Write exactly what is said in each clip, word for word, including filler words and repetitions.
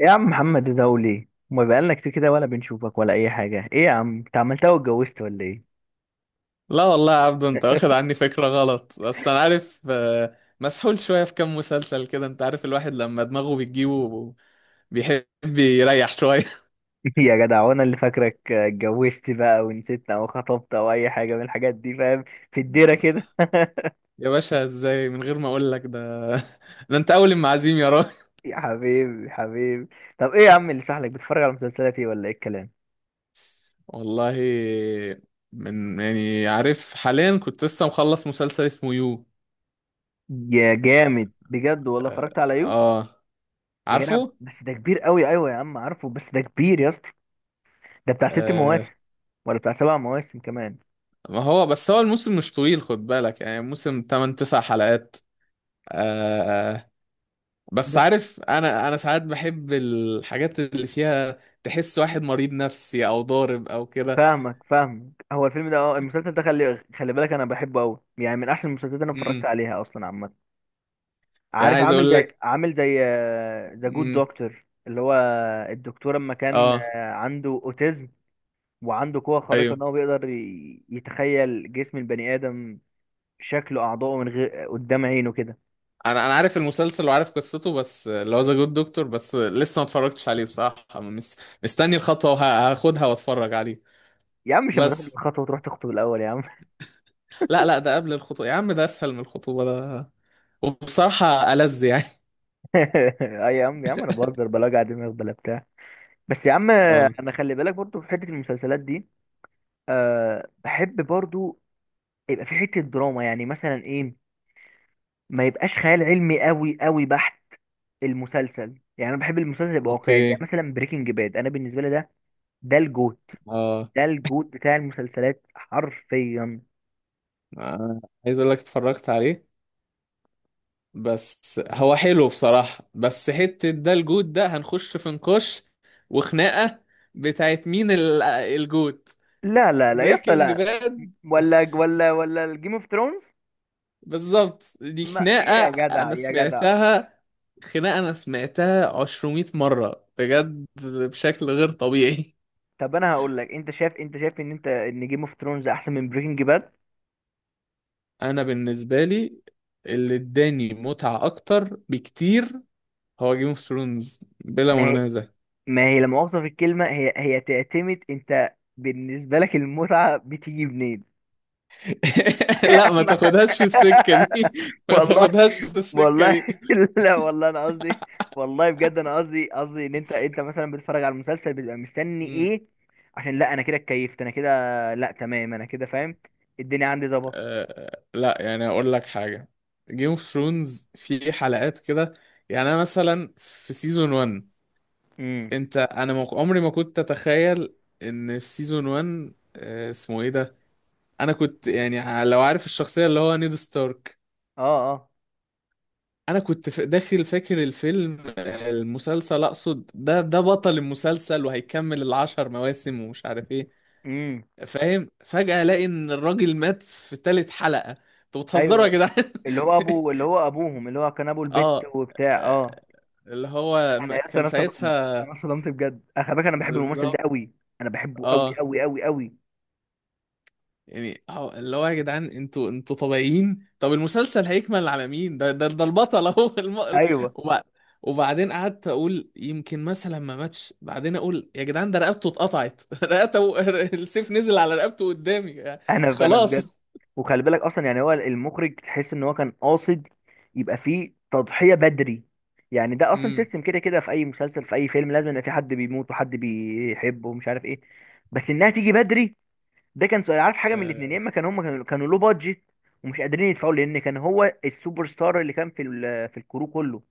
إيه يا عم محمد ده؟ وليه ما بقالنا كتير كده ولا بنشوفك ولا اي حاجه؟ ايه يا عم انت عملتها واتجوزت ولا ايه؟ لا والله يا عبدو، انت واخد عني فكرة غلط. بس انا عارف، آه، مسحول شوية في كام مسلسل كده. انت عارف الواحد لما دماغه بتجيبه بيحب يريح شوية. يا جدع وانا اللي فاكرك اتجوزت بقى ونسيتنا او خطبت او اي حاجه من الحاجات دي، فاهم؟ في الديره كده. يا باشا، ازاي من غير ما اقول لك ده؟ ده انت اول المعازيم يا راجل! يا حبيبي يا حبيبي. طب ايه يا عم اللي سحلك بتتفرج على مسلسلات ايه ولا ايه الكلام؟ والله، من يعني عارف، حاليا كنت لسه مخلص مسلسل اسمه يو. يا جامد بجد والله، اتفرجت على يو. اه، يا جدع عارفه. بس ده كبير قوي، ايوه يا عم عارفه بس ده كبير يا اسطى. ده بتاع ست آه. مواسم ولا بتاع سبع مواسم كمان؟ ما هو بس هو الموسم مش طويل، خد بالك، يعني موسم ثمانية تسعة حلقات. آه، آه، بس عارف، انا انا ساعات بحب الحاجات اللي فيها تحس واحد مريض نفسي او ضارب او كده. فاهمك فاهمك. هو الفيلم ده، اه المسلسل ده، خلي خلي بالك انا بحبه قوي، يعني من احسن المسلسلات اللي انا اتفرجت امم عليها اصلا عامه. يعني عارف عايز عامل اقول زي لك. عامل زي ذا جود امم، دكتور، اللي هو الدكتور اما كان اه، آه، عنده اوتيزم، وعنده قوه خارقه ايوه، ان هو بيقدر ي- يتخيل جسم البني ادم، شكله، اعضائه من غير قدام عينه كده. انا انا عارف المسلسل وعارف قصته. بس اللي هو ذا جود دكتور، بس لسه ما اتفرجتش عليه بصراحه. مس... مستني الخطوه وه- هاخدها واتفرج عليه. يا عم مش لما تاخد بس الخطوه وتروح تخطب الاول يا عم؟ لا، لا، ده قبل الخطوه يا عم. ده اسهل من الخطوبه ده، وبصراحه ألذ يعني. اي يا عم يا عم، انا بهزر، بلا وجع دماغ بلا بتاع. بس يا عم، اه. انا خلي بالك برضو في حته المسلسلات دي، أه بحب برضو يبقى في حتة دراما، يعني مثلا ايه، ما يبقاش خيال علمي قوي قوي بحت. المسلسل يعني انا بحب المسلسل يبقى واقعي، زي اوكي. مثلا بريكنج باد، انا بالنسبة لي ده، ده الجوت اه، ده الجوت بتاع المسلسلات حرفيا. آه، عايز اقول لك اتفرجت عليه. بس هو حلو بصراحة. بس حتة ده الجوت ده هنخش في نقاش وخناقة بتاعت مين ال- الجوت. لا لا لا يا اسطى بريكنج لا، باد. ولا ولا ولا الجيم اوف ثرونز. بالظبط، دي ما ايه خناقة يا جدع أنا يا جدع؟ سمعتها. خناقة أنا سمعتها عشرمية مرة بجد، بشكل غير طبيعي. طب انا هقول لك، انت شايف انت شايف ان انت ان جيم اوف ثرونز احسن من بريكنج باد؟ أنا بالنسبة لي، اللي اداني متعة أكتر بكتير هو جيم اوف ثرونز بلا ما منازع. ما هي لما اوصف الكلمه، هي هي تعتمد، انت بالنسبه لك المتعه بتيجي منين؟ لا، ما تاخدهاش في السكة دي. ما والله. تاخدهاش في السكة والله. دي. لا والله انا قصدي، والله بجد انا قصدي قصدي ان انت، انت مثلا بتتفرج على المسلسل بتبقى مستني مم. ايه؟ عشان لا انا كده اتكيفت انا كده. لا تمام، انا كده فاهم. الدنيا عندي ظبطت. أه، آه، لا، يعني اقول لك حاجه، جيم اوف ثرونز في حلقات كده. يعني انا مثلا في سيزون واحد، امم. انت انا ما- عمري ما كنت اتخيل ان في سيزون واحد، أه اسمه ايه ده، انا كنت يعني ع- لو عارف الشخصيه اللي هو نيد ستارك. اه اه. انا كنت ف- داخل فاكر الفيلم، آه، المسلسل اقصد، ده ده بطل المسلسل وهيكمل العشر مواسم ومش عارف ايه، امم. فاهم؟ فجاه الاقي ان الراجل مات في تالت حلقه. انتوا بتهزروا يا ايوه جدعان! اللي هو ابو، اللي هو ابوهم، اللي هو كان ابو البت اه، وبتاع، آه، اه. اللي هو انا م- يا اسطى كان انا اصطدمت، انا ساعتها اصطدمت بجد، انا خلي بالك انا بحب الممثل ده بالظبط. قوي، انا بحبه قوي اه، قوي قوي قوي. يعني هو- اللي هو يا جدعان، انتوا انتوا طبيعيين؟ طب المسلسل هيكمل على مين؟ ده ده ده البطل اهو! الم... ايوه وبع- وبعدين قعدت اقول يمكن مثلا ما ماتش. بعدين اقول يا جدعان، ده رقبته اتقطعت. رقبته، السيف نزل على رقبته قدامي. انا انا بجد. خلاص. وخلي بالك اصلا، يعني هو المخرج تحس ان هو كان قاصد يبقى فيه تضحيه بدري. يعني ده اصلا امم. سيستم كده كده في اي مسلسل، في اي فيلم، لازم يبقى في حد بيموت وحد بيحبه ومش عارف ايه، بس انها تيجي بدري. ده كان سؤال، عارف، حاجه من الاثنين، يا آه. اما كان هم كانوا كانوا لو بادجت ومش قادرين يدفعوا، لان كان هو السوبر ستار اللي كان في ال- في الكرو كله.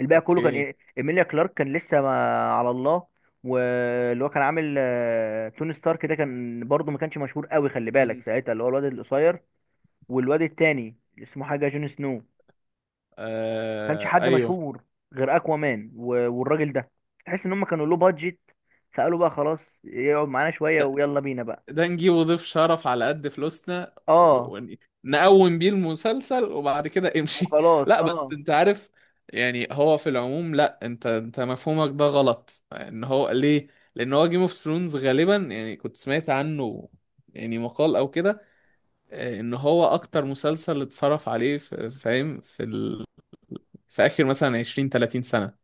الباقي كله كان اوكي. إيه؟ ايميليا كلارك كان لسه ما على الله. واللي هو كان عامل آه، توني ستارك، ده كان برضه ما كانش مشهور قوي، خلي بالك امم. ساعتها، اللي هو الواد القصير. والواد التاني اللي اسمه حاجه، جون سنو، ما كانش آه. حد ايوه. مشهور، غير اكوامان و- والراجل ده. تحس ان هم كانوا له بادجت، فقالوا بقى خلاص يقعد معانا شويه ويلا بينا بقى. ده نجيبه ضيف شرف على قد فلوسنا و- اه ون- نقوم بيه المسلسل وبعد كده امشي. وخلاص، لا بس اه. انت عارف، يعني هو في العموم، لا، انت انت مفهومك ده غلط. ان هو ليه؟ لان هو جيم اوف ثرونز غالبا، يعني كنت سمعت عنه، يعني مقال او كده، آه، ان هو اكتر مسلسل اتصرف عليه في- فاهم في ال... في اخر مثلا عشرين تلاتين سنة.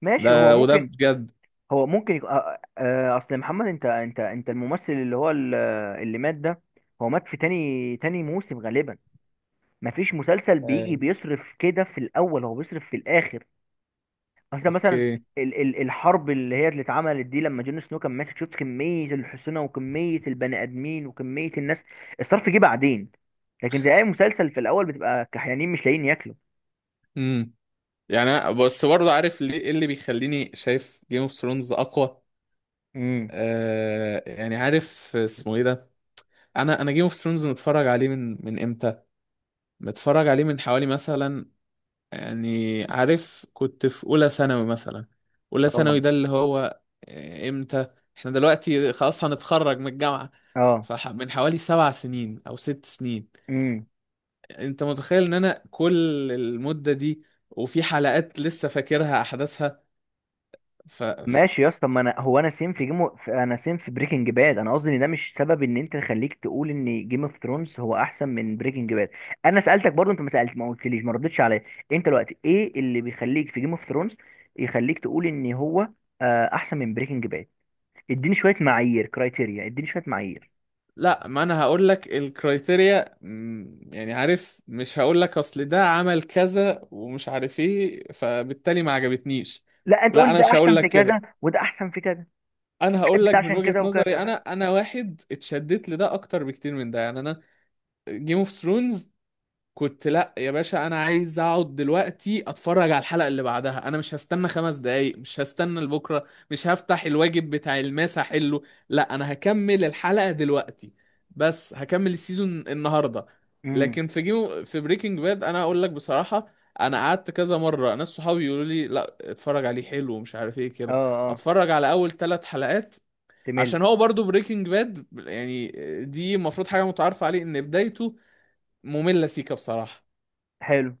ماشي، هو ده وده ممكن، بجد. هو ممكن يكون، آه، آه، اصل محمد، انت انت انت الممثل اللي هو ال- اللي مات ده، هو مات في تاني تاني موسم غالبا. مفيش مسلسل بيجي آه، بيصرف كده في الاول، هو بيصرف في الاخر. اصل مثلا اوكي. ال ال الحرب اللي هي اللي اتعملت دي، لما جون سنو كان ماسك، شفت كمية الحصنة وكمية البني ادمين وكمية الناس، الصرف جه بعدين. لكن زي اي مسلسل في الاول بتبقى كحيانين مش لاقيين ياكلوا. يعني أنا- بس برضه عارف ليه ايه اللي بيخليني شايف جيم اوف ثرونز اقوى؟ امم. آه، يعني عارف اسمه ايه ده، انا انا جيم اوف ثرونز متفرج عليه من من امتى؟ متفرج عليه من حوالي مثلا، يعني عارف، كنت في اولى ثانوي مثلا. اولى اه ثانوي ده اللي هو آه، امتى؟ احنا دلوقتي خلاص هنتخرج من الجامعة، فمن حوالي سبع سنين او ست سنين. اه. انت متخيل ان انا كل المدة دي وفي حلقات لسه فاكرها احداثها؟ ماشي يا اسطى، ما انا هو انا سيم في جيم في، انا سيم في بريكنج باد. انا قصدي ان ده مش سبب ان انت تخليك تقول ان جيم اوف ثرونز هو احسن من بريكنج باد. انا سالتك برضو، انت ما سالت، ما قلتليش، ما ردتش عليا. انت دلوقتي ايه اللي بيخليك في جيم اوف ثرونز يخليك تقول ان هو، آه، احسن من بريكنج باد؟ اديني شويه معايير، كرايتيريا، اديني شويه معايير. لا، ما انا هقول لك الكرايتيريا. مم، يعني عارف، مش هقول لك اصل ده عمل كذا ومش عارف ايه فبالتالي ما عجبتنيش. لا انت لا، قول انا ده مش احسن هقول في لك كذا كده. وده احسن في كذا. انا هقول بحب لك ده من عشان وجهة كده نظري، وكذا انا بس. انا واحد اتشدت لده اكتر بكتير من ده، يعني انا جيم اوف ثرونز كنت، لا يا باشا، انا عايز اقعد دلوقتي اتفرج على الحلقه اللي بعدها. انا مش هستنى خمس دقايق، مش هستنى لبكره، مش هفتح الواجب بتاع الماس احله. لا انا هكمل الحلقه دلوقتي. بس هكمل السيزون النهارده. امم. لكن في جيم في بريكنج باد، انا اقول لك بصراحه، انا قعدت كذا مره ناس صحابي يقولوا لي لا اتفرج عليه حلو ومش عارف ايه اه كده، اه. اتفرج على اول ثلاث حلقات. تمل. عشان هو برضو بريكنج باد يعني، دي المفروض حاجه متعارف عليه ان بدايته ممله سيكا بصراحه. حلو.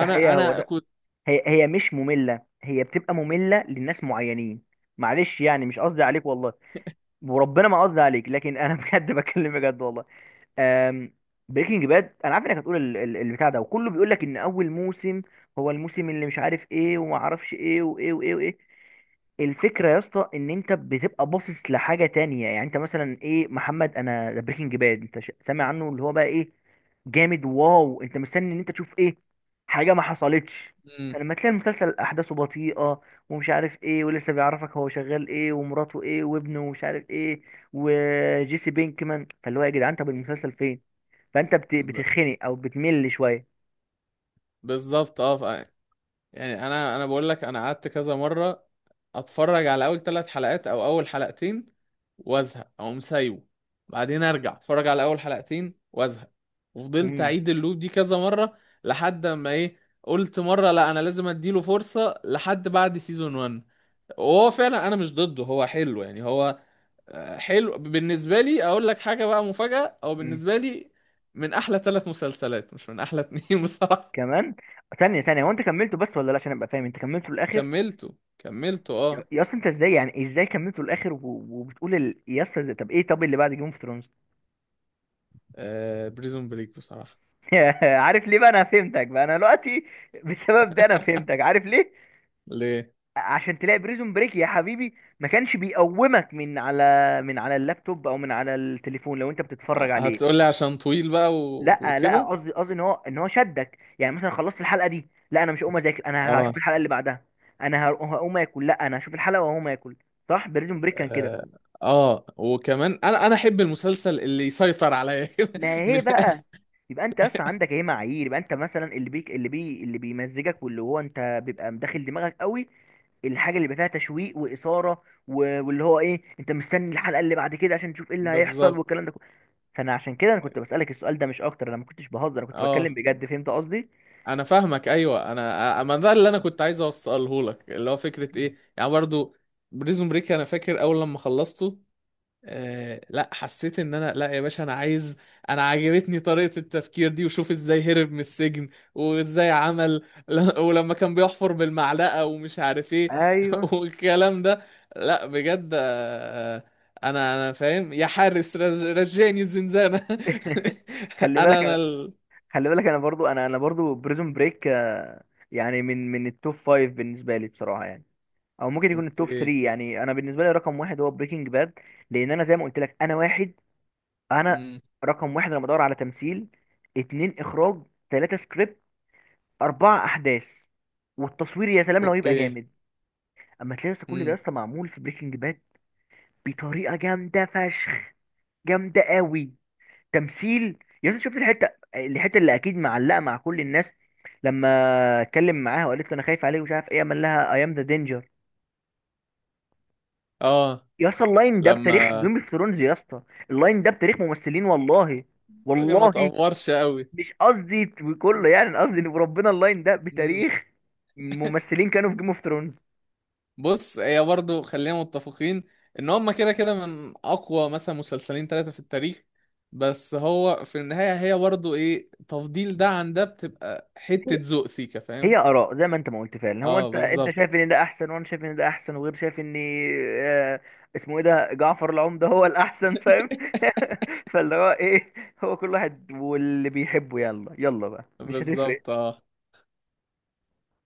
ده حقيقه هو انا ده، كنت. هي هي مش مملة، هي بتبقى مملة للناس معينين. معلش يعني مش قصدي عليك والله، وربنا ما قصدي عليك، لكن انا بجد بكلم بجد والله. بريكنج باد، انا عارف انك هتقول ال- ال- البتاع ده، وكله بيقول لك ان اول موسم هو الموسم اللي مش عارف ايه وما اعرفش ايه وايه وايه وايه. الفكره يا اسطى ان انت بتبقى باصص لحاجه تانية، يعني انت مثلا ايه محمد، انا ده بريكنج باد، انت ش- سامع عنه اللي هو بقى ايه، جامد، واو، انت مستني ان انت تشوف ايه. حاجه ما حصلتش. مم. فلما تلاقي المسلسل احداثه بطيئه ومش عارف ايه، ولسه بيعرفك هو شغال ايه ومراته ايه وابنه ومش عارف ايه وجيسي بينكمان، فاللي هو يا جدعان طب المسلسل فين؟ فانت بت... ب- بتتخنق او بتمل شويه. بالظبط. اه. ف- يعني انا انا بقول لك، انا قعدت كذا مره اتفرج على اول ثلاث حلقات او اول حلقتين وازهق او مسايبه. بعدين ارجع اتفرج على اول حلقتين وازهق. وفضلت امم. اعيد اللوب دي كذا مره لحد ما ايه، قلت مره لا انا لازم اديله فرصه لحد بعد سيزون واحد. وهو فعلا انا مش ضده، هو حلو يعني. هو آه، حلو بالنسبة لي. أقول لك حاجة بقى مفاجأة، أو امم. بالنسبة لي من أحلى ثلاث مسلسلات، مش من أحلى اتنين. بصراحة. كمان؟ ثانيه ثانيه، هو انت كملته بس ولا لا، عشان ابقى فاهم، انت كملته للاخر؟ كملته كملته يا أه. يا اصلا انت ازاي، يعني ازاي كملته للاخر و... وبتقول ال... يا اسطى ده- طب ايه، طب اللي بعد جيم اوف ثرونز؟ آه، بريزون بريك بصراحة. عارف ليه بقى، انا فهمتك بقى انا دلوقتي، بسبب ده انا فهمتك، عارف ليه؟ ليه؟ عشان تلاقي بريزون بريك يا حبيبي ما كانش بيقومك من على، من على اللابتوب او من على التليفون، لو انت بتتفرج ه- عليه. هتقولي عشان طويل بقى و... لا لا، وكده. قصدي، قصدي ان هو، ان هو شدك، يعني مثلا خلصت الحلقه دي، لا انا مش هقوم اذاكر، انا هشوف أه. الحلقه اللي بعدها، انا هر- هقوم اكل، لا انا هشوف الحلقه وهقوم اكل. صح، بريزون بريك كان كده. آه. آه، وكمان أنا أنا أحب المسلسل اللي يسيطر عليا كده، ما من هي بقى الآخر. يبقى انت اصلا عندك ايه معايير، يبقى انت مثلا، اللي بيك اللي بي اللي بيمزجك واللي هو انت بيبقى مداخل دماغك قوي، الحاجه اللي بيبقى فيها تشويق واثاره، و- واللي هو ايه انت مستني الحلقه اللي بعد كده عشان تشوف ايه اللي هيحصل بالظبط. والكلام ده كله. فانا عشان كده انا كنت بسالك السؤال ده مش اكتر، انا ما كنتش بهزر، انا كنت أه، بتكلم بجد، فهمت قصدي؟ انا فاهمك. ايوه، انا أ- ما ده اللي انا كنت عايز اوصله لك، اللي هو فكره ايه يعني. برضو بريزون بريك انا فاكر اول لما خلصته، آه، لا، حسيت ان انا، لا يا باشا، انا عايز، انا عجبتني طريقه التفكير دي وشوف ازاي هرب من السجن وازاي عمل ل- ولما كان بيحفر بالمعلقه ومش عارف ايه، ايوه. والكلام ده. لا بجد، آه، انا انا فاهم يا حارس، رج- رجعني الزنزانه. خلي انا بالك انا، انا ال... خلي بالك انا برضو، انا انا برضو، بريزون بريك يعني من من التوب فايف بالنسبه لي بصراحه، يعني او ممكن يكون التوب تلاته. اوكي. يعني انا بالنسبه لي رقم واحد هو بريكنج باد، لان انا زي ما قلت لك، انا واحد، انا امم. رقم واحد لما بدور على تمثيل، اتنين اخراج، تلاته سكريبت، اربعه احداث، والتصوير يا سلام لو يبقى اوكي. جامد. اما تلاقي لسه كل ده امم. لسه معمول في بريكنج باد بطريقه جامده فشخ، جامده قوي. تمثيل يا أخي، شفت الحته، الحته اللي اكيد معلقه مع كل الناس، لما اتكلم معاها وقالت له انا خايف عليه ومش عارف ايه، قال لها اي ام ذا دينجر. اه. يا اسطى اللاين ده بتاريخ لما جيم اوف ثرونز يا اسطى، اللاين ده بتاريخ ممثلين، والله. الراجل ما والله. تقورش قوي. مش قصدي كله، يعني أنا قصدي ان ربنا اللاين ده امم. بتاريخ ممثلين كانوا في جيم اوف ثرونز. بص، هي برضو خلينا متفقين ان هما كده كده من اقوى مثلا مسلسلين ثلاثة في التاريخ. بس هو في النهاية، هي برضو ايه، تفضيل ده عن ده بتبقى حتة ذوق سيكا، هي فاهم؟ اراء زي ما انت ما قلت فعلا، هو اه، انت انت بالظبط. شايف ان ده احسن، وانا شايف ان ده احسن، وغير شايف ان، آه، اسمه ايه ده، جعفر العمدة، هو الاحسن، فاهم؟ فاللي هو ايه، هو كل واحد واللي بيحبه، يلا يلا بقى مش بالظبط هتفرق. اه.